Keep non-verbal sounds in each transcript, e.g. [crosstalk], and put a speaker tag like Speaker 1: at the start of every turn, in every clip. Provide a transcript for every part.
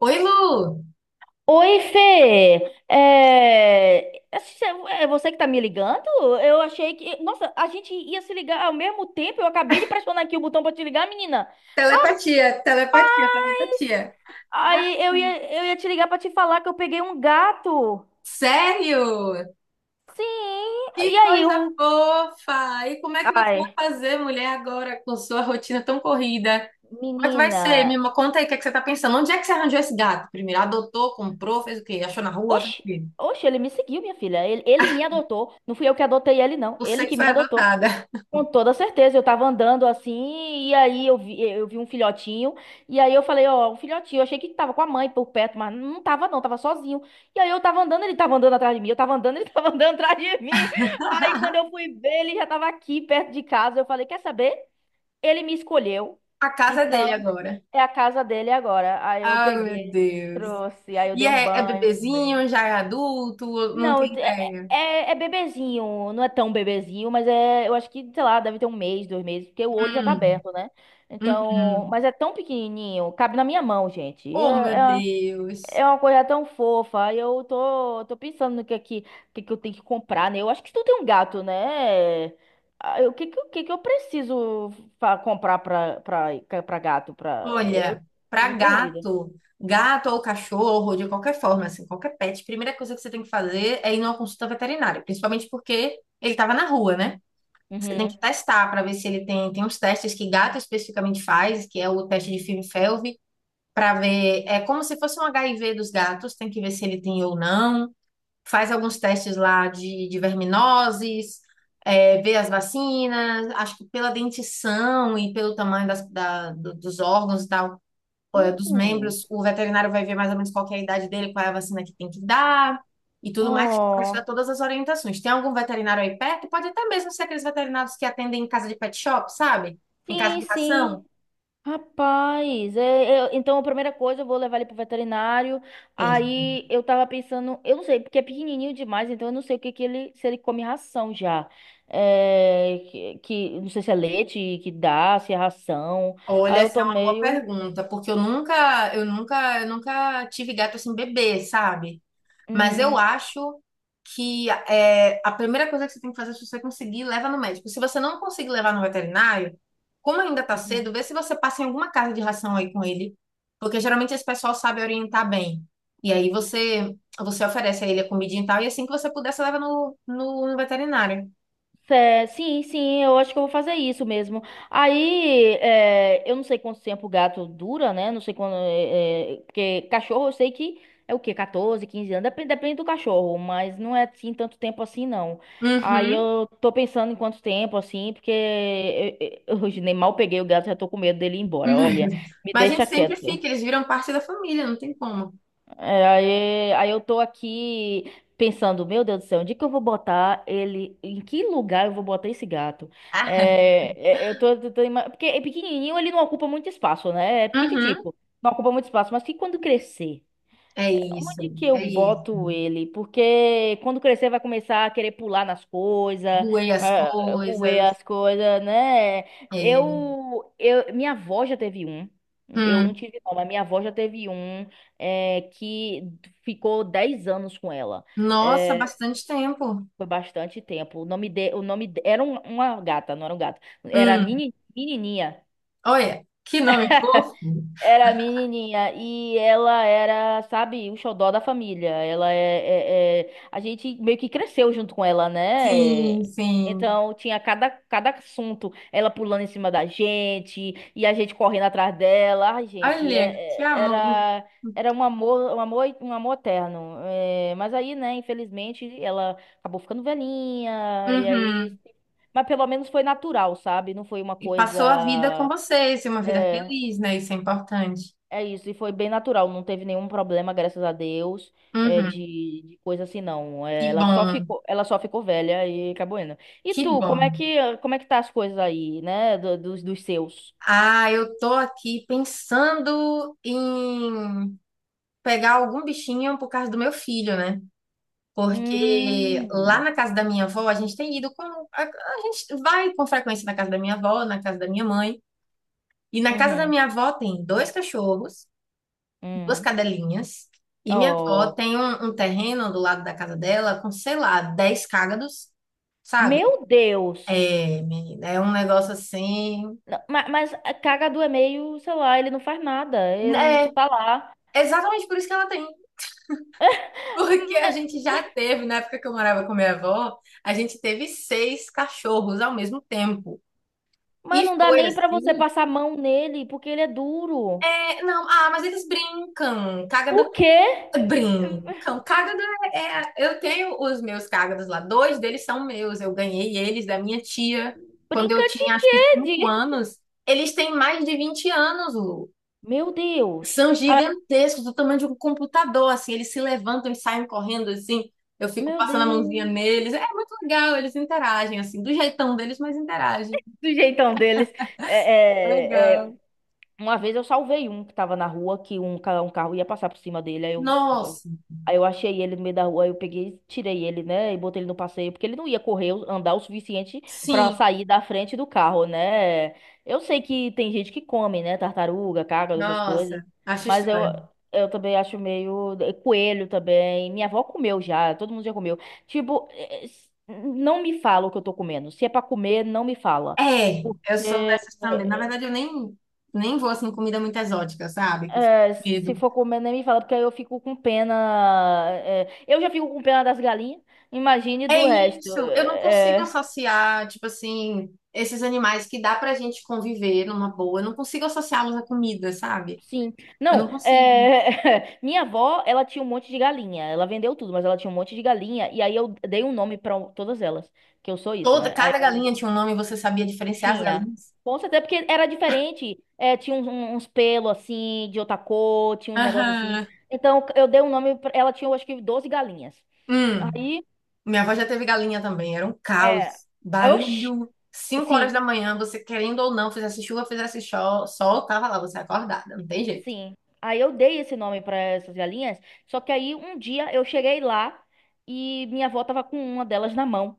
Speaker 1: Oi, Lu!
Speaker 2: Oi, Fê! É... essa- É você que tá me ligando? Eu achei que. Nossa, a gente ia se ligar ao mesmo tempo. Eu acabei de pressionar aqui o botão pra te ligar, menina.
Speaker 1: Telepatia, telepatia,
Speaker 2: Rapaz!
Speaker 1: telepatia.
Speaker 2: Aí eu ia te ligar pra te falar que eu peguei um gato.
Speaker 1: Sério?
Speaker 2: Sim! E
Speaker 1: Que
Speaker 2: aí,
Speaker 1: coisa
Speaker 2: o.
Speaker 1: fofa! E como é que você
Speaker 2: Ai,
Speaker 1: vai fazer, mulher, agora com sua rotina tão corrida? Como é que vai
Speaker 2: menina.
Speaker 1: ser? Conta aí o que é que você tá pensando. Onde é que você arranjou esse gato primeiro? Adotou, comprou, fez o quê? Achou na rua? Fez o
Speaker 2: Oxi,
Speaker 1: quê?
Speaker 2: oxi, ele me seguiu, minha filha. Ele me adotou. Não fui eu que adotei ele, não.
Speaker 1: Você
Speaker 2: Ele
Speaker 1: que
Speaker 2: que
Speaker 1: foi
Speaker 2: me adotou.
Speaker 1: adotada.
Speaker 2: Com toda certeza, eu tava andando assim, e aí eu vi um filhotinho, e aí eu falei, ó, um filhotinho, eu achei que tava com a mãe por perto, mas não tava não, tava sozinho. E aí eu tava andando, ele tava andando atrás de mim, eu tava andando, [laughs] ele tava andando atrás de mim. Aí quando eu
Speaker 1: [laughs]
Speaker 2: fui ver, ele já tava aqui perto de casa, eu falei, quer saber? Ele me escolheu,
Speaker 1: A casa é dele
Speaker 2: então
Speaker 1: agora.
Speaker 2: é a casa dele agora. Aí eu
Speaker 1: Ai, meu
Speaker 2: peguei,
Speaker 1: Deus.
Speaker 2: trouxe, aí eu
Speaker 1: E
Speaker 2: dei um
Speaker 1: é
Speaker 2: banho,
Speaker 1: bebezinho, já é adulto? Não
Speaker 2: não,
Speaker 1: tem
Speaker 2: é,
Speaker 1: ideia.
Speaker 2: é, é bebezinho, não é tão bebezinho, mas é, eu acho que, sei lá, deve ter um mês, 2 meses, porque o olho já tá
Speaker 1: Hum,
Speaker 2: aberto, né? Então,
Speaker 1: uhum.
Speaker 2: mas é tão pequenininho, cabe na minha mão, gente.
Speaker 1: Oh, meu
Speaker 2: É, é,
Speaker 1: Deus.
Speaker 2: é uma coisa tão fofa. E eu tô pensando no que é que eu tenho que comprar, né? Eu acho que tu tem um gato, né? Ah, o que que eu preciso comprar pra gato? Eu
Speaker 1: Olha,
Speaker 2: tô
Speaker 1: para
Speaker 2: me perdida.
Speaker 1: gato, gato ou cachorro, de qualquer forma, assim, qualquer pet, a primeira coisa que você tem que fazer é ir numa consulta veterinária, principalmente porque ele estava na rua, né? Você tem que
Speaker 2: Uhum.
Speaker 1: testar para ver se ele tem, tem uns testes que gato especificamente faz, que é o teste de Klinefelter, para ver, é como se fosse um HIV dos gatos, tem que ver se ele tem ou não. Faz alguns testes lá de verminoses, ver as vacinas, acho que pela dentição e pelo tamanho dos órgãos e tal, dos
Speaker 2: Hum.
Speaker 1: membros. O veterinário vai ver mais ou menos qual que é a idade dele, qual é a vacina que tem que dar e tudo mais, vai te dar
Speaker 2: Oh.
Speaker 1: todas as orientações. Tem algum veterinário aí perto? Pode até mesmo ser aqueles veterinários que atendem em casa de pet shop, sabe? Em casa
Speaker 2: Sim,
Speaker 1: de
Speaker 2: sim.
Speaker 1: ração.
Speaker 2: Rapaz, então a primeira coisa eu vou levar ele pro veterinário.
Speaker 1: Isso.
Speaker 2: Aí eu tava pensando, eu não sei, porque é pequenininho demais, então eu não sei o que que ele, se ele come ração já. Não sei se é leite que dá, se é ração.
Speaker 1: Olha,
Speaker 2: Aí eu
Speaker 1: essa é
Speaker 2: tô
Speaker 1: uma boa
Speaker 2: meio.
Speaker 1: pergunta, porque eu nunca tive gato assim bebê, sabe? Mas eu
Speaker 2: hum,
Speaker 1: acho que a primeira coisa que você tem que fazer é, se você conseguir, leva no médico. Se você não conseguir levar no veterinário, como ainda está
Speaker 2: uhum.
Speaker 1: cedo, vê se você passa em alguma casa de ração aí com ele, porque geralmente esse pessoal sabe orientar bem. E aí você oferece a ele a comidinha e tal, e assim que você puder, você leva no veterinário.
Speaker 2: É, sim, sim, eu acho que eu vou fazer isso mesmo. Aí, eu não sei quanto tempo o gato dura, né? Não sei quando. Porque cachorro eu sei que é o quê? 14, 15 anos. Depende, depende do cachorro, mas não é assim tanto tempo assim, não. Aí
Speaker 1: Uhum.
Speaker 2: eu tô pensando em quanto tempo, assim, porque eu [laughs] hoje nem mal peguei o gato, já tô com medo dele ir embora. Olha,
Speaker 1: [laughs]
Speaker 2: me
Speaker 1: Mas a
Speaker 2: deixa
Speaker 1: gente sempre
Speaker 2: quieto.
Speaker 1: fica, eles viram parte da família, não tem como.
Speaker 2: É, aí eu tô aqui pensando, meu Deus do céu, onde que eu vou botar ele? Em que lugar eu vou botar esse gato?
Speaker 1: Ah,
Speaker 2: É, é, eu tô, tô- tô ima- Porque é pequenininho, ele não ocupa muito espaço, né? É
Speaker 1: uhum.
Speaker 2: pequititico, não ocupa muito espaço, mas que quando crescer?
Speaker 1: É isso,
Speaker 2: Onde que eu
Speaker 1: é isso.
Speaker 2: boto ele? Porque quando crescer vai começar a querer pular nas coisas,
Speaker 1: Ruei as
Speaker 2: ah, roer
Speaker 1: coisas.
Speaker 2: as coisas, né?
Speaker 1: É.
Speaker 2: Minha avó já teve um. Eu não
Speaker 1: Hum.
Speaker 2: tive não, mas minha avó já teve um que ficou 10 anos com ela.
Speaker 1: Nossa,
Speaker 2: É,
Speaker 1: bastante tempo.
Speaker 2: foi bastante tempo. Era uma gata, não era um gato. Era
Speaker 1: Hum,
Speaker 2: menininha
Speaker 1: Olha, que nome fofo.
Speaker 2: Era a menininha e ela era, sabe, o xodó da família. Ela é, é- é- A gente meio que cresceu junto com ela, né?
Speaker 1: Sim, sim.
Speaker 2: Então tinha cada assunto, ela pulando em cima da gente e a gente correndo atrás dela. Ai, gente,
Speaker 1: Olha, que
Speaker 2: é- é-
Speaker 1: amor.
Speaker 2: era, era um amor, um amor, um amor eterno. É, mas aí, né, infelizmente, ela acabou ficando velhinha e
Speaker 1: Uhum.
Speaker 2: aí. Mas pelo menos foi natural, sabe? Não foi uma
Speaker 1: E
Speaker 2: coisa.
Speaker 1: passou a vida com vocês, e uma vida
Speaker 2: é,
Speaker 1: feliz, né? Isso é importante.
Speaker 2: É isso, e foi bem natural, não teve nenhum problema, graças a Deus, é, de,
Speaker 1: Uhum.
Speaker 2: de coisa assim, não. É,
Speaker 1: Que
Speaker 2: Ela só
Speaker 1: bom,
Speaker 2: ficou, ela só ficou velha e acabou indo. E
Speaker 1: que
Speaker 2: tu, como
Speaker 1: bom.
Speaker 2: é que, como é que tá as coisas aí, né, dos seus?
Speaker 1: Ah, eu tô aqui pensando em pegar algum bichinho por causa do meu filho, né? Porque lá
Speaker 2: Hum,
Speaker 1: na casa da minha avó, a gente tem ido com. A gente vai com frequência na casa da minha avó, na casa da minha mãe. E na casa da
Speaker 2: uhum,
Speaker 1: minha avó tem dois cachorros, duas
Speaker 2: hum.
Speaker 1: cadelinhas, e minha avó
Speaker 2: Oh,
Speaker 1: tem um terreno do lado da casa dela com, sei lá, 10 cágados, sabe?
Speaker 2: meu Deus!
Speaker 1: É, menina, é um negócio assim.
Speaker 2: Não, mas, a cagadu é meio, sei lá, ele não faz nada, ele
Speaker 1: Né?
Speaker 2: só tá lá.
Speaker 1: É exatamente por isso que ela tem. [laughs] Porque a
Speaker 2: Ma-
Speaker 1: gente já teve, na época que eu morava com minha avó, a gente teve seis cachorros ao mesmo tempo.
Speaker 2: Mas
Speaker 1: E
Speaker 2: não dá
Speaker 1: foi
Speaker 2: nem pra você
Speaker 1: assim.
Speaker 2: passar a mão nele, porque ele é duro.
Speaker 1: É, não, ah, mas eles brincam. Cágado.
Speaker 2: O quê?
Speaker 1: Brim, cágado é, é- Eu tenho os meus cágados lá, dois deles são meus, eu ganhei eles da minha tia quando
Speaker 2: Brinca
Speaker 1: eu
Speaker 2: de
Speaker 1: tinha acho que cinco
Speaker 2: quê?
Speaker 1: anos. Eles têm mais de 20 anos, Lu.
Speaker 2: Meu Deus.
Speaker 1: São
Speaker 2: Ah,
Speaker 1: gigantescos, do tamanho de um computador, assim, eles se levantam e saem correndo, assim. Eu fico
Speaker 2: meu
Speaker 1: passando a mãozinha
Speaker 2: Deus.
Speaker 1: neles. É muito legal, eles interagem, assim, do jeitão deles, mas interagem.
Speaker 2: Do jeitão deles. É, é, é,
Speaker 1: Legal.
Speaker 2: Uma vez eu salvei um que tava na rua, que um carro ia passar por cima dele. Aí eu
Speaker 1: Nossa,
Speaker 2: Achei ele no meio da rua, aí eu peguei, tirei ele, né, e botei ele no passeio, porque ele não ia correr, andar o suficiente pra
Speaker 1: sim,
Speaker 2: sair da frente do carro, né? Eu sei que tem gente que come, né, tartaruga, caga, essas coisas,
Speaker 1: nossa, acho
Speaker 2: mas eu
Speaker 1: estranho.
Speaker 2: eu também acho meio coelho também. Minha avó comeu já, todo mundo já comeu. Tipo, não me fala o que eu tô comendo. Se é pra comer, não me fala.
Speaker 1: É,
Speaker 2: Porque
Speaker 1: eu sou
Speaker 2: eh,
Speaker 1: dessas também. Na verdade, eu nem vou assim, comida muito exótica, sabe? Que eu fico
Speaker 2: É,
Speaker 1: com
Speaker 2: se
Speaker 1: medo.
Speaker 2: for comer, nem me fala, porque aí eu fico com pena. Eu já fico com pena das galinhas, imagine
Speaker 1: É
Speaker 2: do resto.
Speaker 1: isso, eu não consigo
Speaker 2: É,
Speaker 1: associar, tipo assim, esses animais que dá pra gente conviver numa boa. Eu não consigo associá-los à comida, sabe?
Speaker 2: sim.
Speaker 1: Eu
Speaker 2: Não,
Speaker 1: não consigo.
Speaker 2: [laughs] minha avó, ela tinha um monte de galinha. Ela vendeu tudo, mas ela tinha um monte de galinha. E aí eu dei um nome pra todas elas, que eu sou isso, né? Aí
Speaker 1: Cada
Speaker 2: eu
Speaker 1: galinha tinha um nome, você sabia diferenciar as
Speaker 2: tinha.
Speaker 1: galinhas?
Speaker 2: Com certeza, porque era diferente. É, tinha uns pelos assim, de outra cor, tinha uns negócios assim.
Speaker 1: Aham.
Speaker 2: Então eu dei um nome. Ela tinha, eu acho que, 12 galinhas.
Speaker 1: Hum,
Speaker 2: Aí,
Speaker 1: Minha avó já teve galinha também, era um
Speaker 2: é.
Speaker 1: caos,
Speaker 2: Oxi!
Speaker 1: barulho. 5 horas
Speaker 2: Sim,
Speaker 1: da manhã, você querendo ou não, fizesse chuva, fizesse sol, tava lá você acordada, não tem jeito.
Speaker 2: sim. Aí eu dei esse nome para essas galinhas, só que aí um dia eu cheguei lá e minha avó tava com uma delas na mão.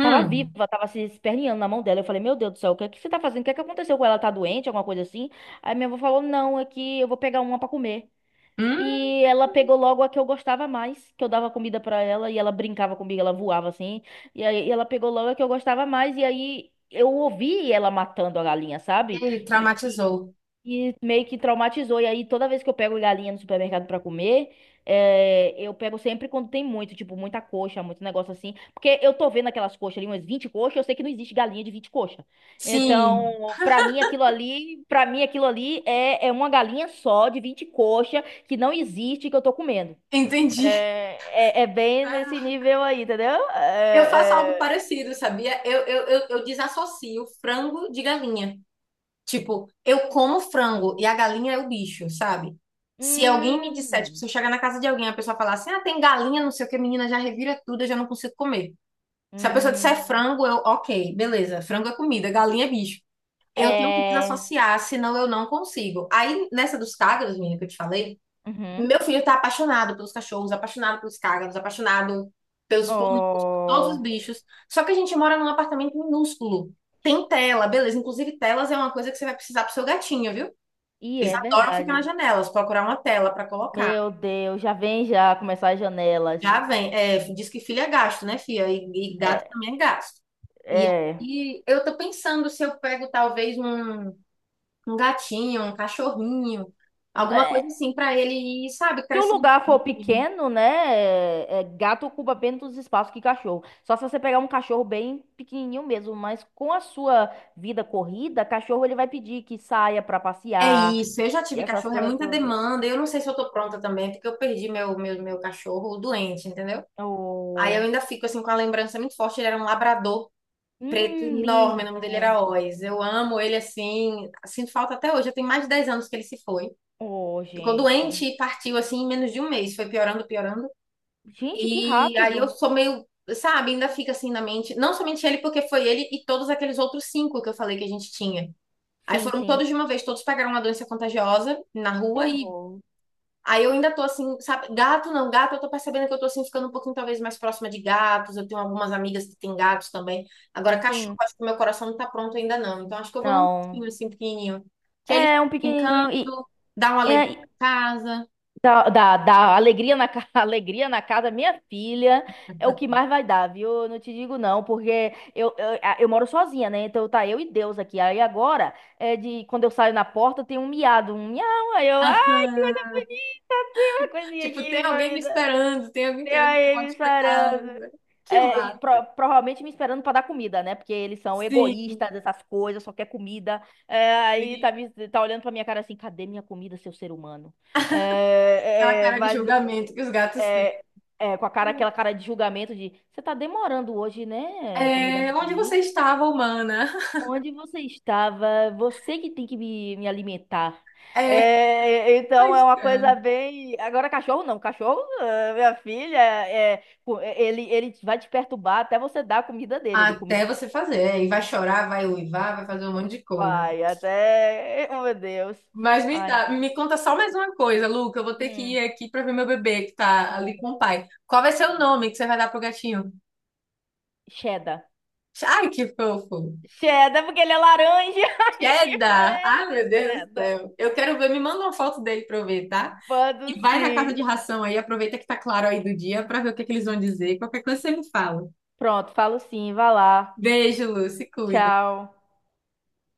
Speaker 2: Tava viva, tava se esperneando na mão dela. Eu falei, meu Deus do céu, o que é que você tá fazendo? O que é que aconteceu com ela? Tá doente, alguma coisa assim? Aí minha avó falou, não, é que eu vou pegar uma para comer.
Speaker 1: Hum,
Speaker 2: E ela pegou logo a que eu gostava mais, que eu dava comida para ela e ela brincava comigo, ela voava assim. E aí ela pegou logo a que eu gostava mais e aí eu ouvi ela matando a galinha, sabe?
Speaker 1: e
Speaker 2: E, e
Speaker 1: traumatizou.
Speaker 2: e meio que traumatizou. E aí, toda vez que eu pego galinha no supermercado pra comer, eu pego sempre quando tem muito, tipo, muita coxa, muito negócio assim. Porque eu tô vendo aquelas coxas ali, umas 20 coxas, eu sei que não existe galinha de 20 coxas.
Speaker 1: Sim,
Speaker 2: Então, pra mim, aquilo ali, pra mim, aquilo ali é, é uma galinha só de 20 coxas que não existe que eu tô comendo.
Speaker 1: [laughs] entendi.
Speaker 2: É, é bem nesse nível aí, entendeu?
Speaker 1: Eu faço algo parecido, sabia? Eu desassocio frango de galinha. Tipo, eu como frango e a galinha é o bicho, sabe? Se alguém me disser, tipo,
Speaker 2: Hum,
Speaker 1: se eu chegar na casa de alguém, e a pessoa falar assim, ah, tem galinha, não sei o que, menina, já revira tudo, eu já não consigo comer. Se a pessoa disser
Speaker 2: hum,
Speaker 1: frango, eu, ok, beleza, frango é comida, galinha é bicho. Eu tenho que
Speaker 2: é.
Speaker 1: desassociar, senão eu não consigo. Aí, nessa dos cagos, menina, que eu te falei,
Speaker 2: Uhum.
Speaker 1: meu filho tá apaixonado pelos cachorros, apaixonado pelos cágados, apaixonado pelos pombos, todos os
Speaker 2: Oh,
Speaker 1: bichos. Só que a gente mora num apartamento minúsculo. Tem tela, beleza. Inclusive, telas é uma coisa que você vai precisar pro seu gatinho, viu?
Speaker 2: e
Speaker 1: Eles
Speaker 2: é
Speaker 1: adoram ficar nas
Speaker 2: verdade.
Speaker 1: janelas, procurar uma tela pra colocar.
Speaker 2: Meu Deus, já vem já começar as janelas.
Speaker 1: Já vem. É, diz que filho é gasto, né, filha? E gato
Speaker 2: É,
Speaker 1: também é gasto. E
Speaker 2: é,
Speaker 1: aí eu tô pensando se eu pego talvez um, gatinho, um cachorrinho, alguma
Speaker 2: é.
Speaker 1: coisa assim pra ele ir, sabe,
Speaker 2: Se o
Speaker 1: crescendo.
Speaker 2: lugar for pequeno, né? Gato ocupa menos espaço que cachorro. Só se você pegar um cachorro bem pequenininho mesmo, mas com a sua vida corrida, cachorro ele vai pedir que saia pra
Speaker 1: É
Speaker 2: passear
Speaker 1: isso, eu já
Speaker 2: e
Speaker 1: tive
Speaker 2: essas
Speaker 1: cachorro, é
Speaker 2: coisas
Speaker 1: muita
Speaker 2: todas.
Speaker 1: demanda. Eu não sei se eu tô pronta também, é porque eu perdi meu cachorro doente, entendeu? Aí eu
Speaker 2: Oh,
Speaker 1: ainda fico assim com a lembrança muito forte. Ele era um labrador preto enorme, o nome dele
Speaker 2: lindo.
Speaker 1: era Oz. Eu amo ele assim, sinto falta até hoje. Já tem mais de 10 anos que ele se foi.
Speaker 2: Oh,
Speaker 1: Ficou
Speaker 2: gente.
Speaker 1: doente e partiu assim em menos de um mês, foi piorando, piorando.
Speaker 2: Gente, que
Speaker 1: E aí eu
Speaker 2: rápido.
Speaker 1: sou meio, sabe, ainda fica assim na mente, não somente ele, porque foi ele e todos aqueles outros cinco que eu falei que a gente tinha. Aí
Speaker 2: Sim,
Speaker 1: foram
Speaker 2: sim.
Speaker 1: todos de uma vez, todos pegaram uma doença contagiosa na
Speaker 2: Que
Speaker 1: rua. E
Speaker 2: horror.
Speaker 1: aí eu ainda tô assim, sabe? Gato não, gato, eu tô percebendo que eu tô assim ficando um pouquinho talvez mais próxima de gatos. Eu tenho algumas amigas que têm gatos também. Agora, cachorro,
Speaker 2: Sim.
Speaker 1: acho que meu coração não tá pronto ainda não. Então, acho que eu vou num gatinho
Speaker 2: Não.
Speaker 1: assim pequenininho, que ele
Speaker 2: É um
Speaker 1: brincando
Speaker 2: pequenininho e
Speaker 1: dá uma alegria
Speaker 2: é,
Speaker 1: pra casa.
Speaker 2: dá alegria [laughs] alegria na casa minha filha é o que mais vai dar, viu? Eu não te digo não, porque eu moro sozinha, né? Então tá eu e Deus aqui. Aí agora é de quando eu saio na porta tem um miado, um miau. Ai, que coisa
Speaker 1: Aham.
Speaker 2: bonita, tem uma coisinha
Speaker 1: Tipo, tem
Speaker 2: aqui pra
Speaker 1: alguém
Speaker 2: me
Speaker 1: me
Speaker 2: dar.
Speaker 1: esperando, tem alguém
Speaker 2: Tem
Speaker 1: querendo que eu
Speaker 2: aí me
Speaker 1: volte pra
Speaker 2: sarando.
Speaker 1: casa. Que
Speaker 2: É, e
Speaker 1: massa.
Speaker 2: provavelmente me esperando pra dar comida, né? Porque eles são
Speaker 1: Sim,
Speaker 2: egoístas, essas coisas, só quer comida. É, aí
Speaker 1: sim.
Speaker 2: tá, tá olhando pra minha cara assim, cadê minha comida, seu ser humano?
Speaker 1: Aquela
Speaker 2: É, é,
Speaker 1: cara de
Speaker 2: mas
Speaker 1: julgamento que os gatos têm.
Speaker 2: é, com a cara, aquela cara de julgamento de, você tá demorando hoje, né? Pra me dar
Speaker 1: É,
Speaker 2: minha
Speaker 1: onde você
Speaker 2: comida.
Speaker 1: estava, humana? [laughs]
Speaker 2: Onde você estava? Você que tem que me alimentar.
Speaker 1: É,
Speaker 2: É, então é
Speaker 1: pois
Speaker 2: uma
Speaker 1: é.
Speaker 2: coisa bem. Agora, cachorro não. Cachorro, ah, minha filha, ele vai te perturbar até você dar a comida dele. Ele comida.
Speaker 1: Até você fazer. E vai chorar, vai uivar, vai fazer um monte de coisa.
Speaker 2: Vai, até. [laughs] Oh, meu Deus.
Speaker 1: Mas
Speaker 2: Ai.
Speaker 1: me conta só mais uma coisa, Luca. Eu vou ter que ir
Speaker 2: Hum.
Speaker 1: aqui pra ver meu bebê que tá
Speaker 2: Oh,
Speaker 1: ali com o pai. Qual vai ser o nome que você vai dar pro gatinho?
Speaker 2: cheddar.
Speaker 1: Ai, que fofo.
Speaker 2: Cheddar, porque ele é laranja [laughs] e
Speaker 1: Cheddar. Ai,
Speaker 2: parece
Speaker 1: meu Deus do
Speaker 2: cheddar.
Speaker 1: céu. Eu quero ver. Me manda uma foto dele pra eu ver, tá?
Speaker 2: Mando
Speaker 1: E vai na casa
Speaker 2: sim.
Speaker 1: de ração aí. Aproveita que tá claro aí do dia pra ver o que que eles vão dizer. Qualquer coisa você me fala.
Speaker 2: Pronto, falo sim. Vá lá.
Speaker 1: Beijo, Lu. Se cuida.
Speaker 2: Tchau.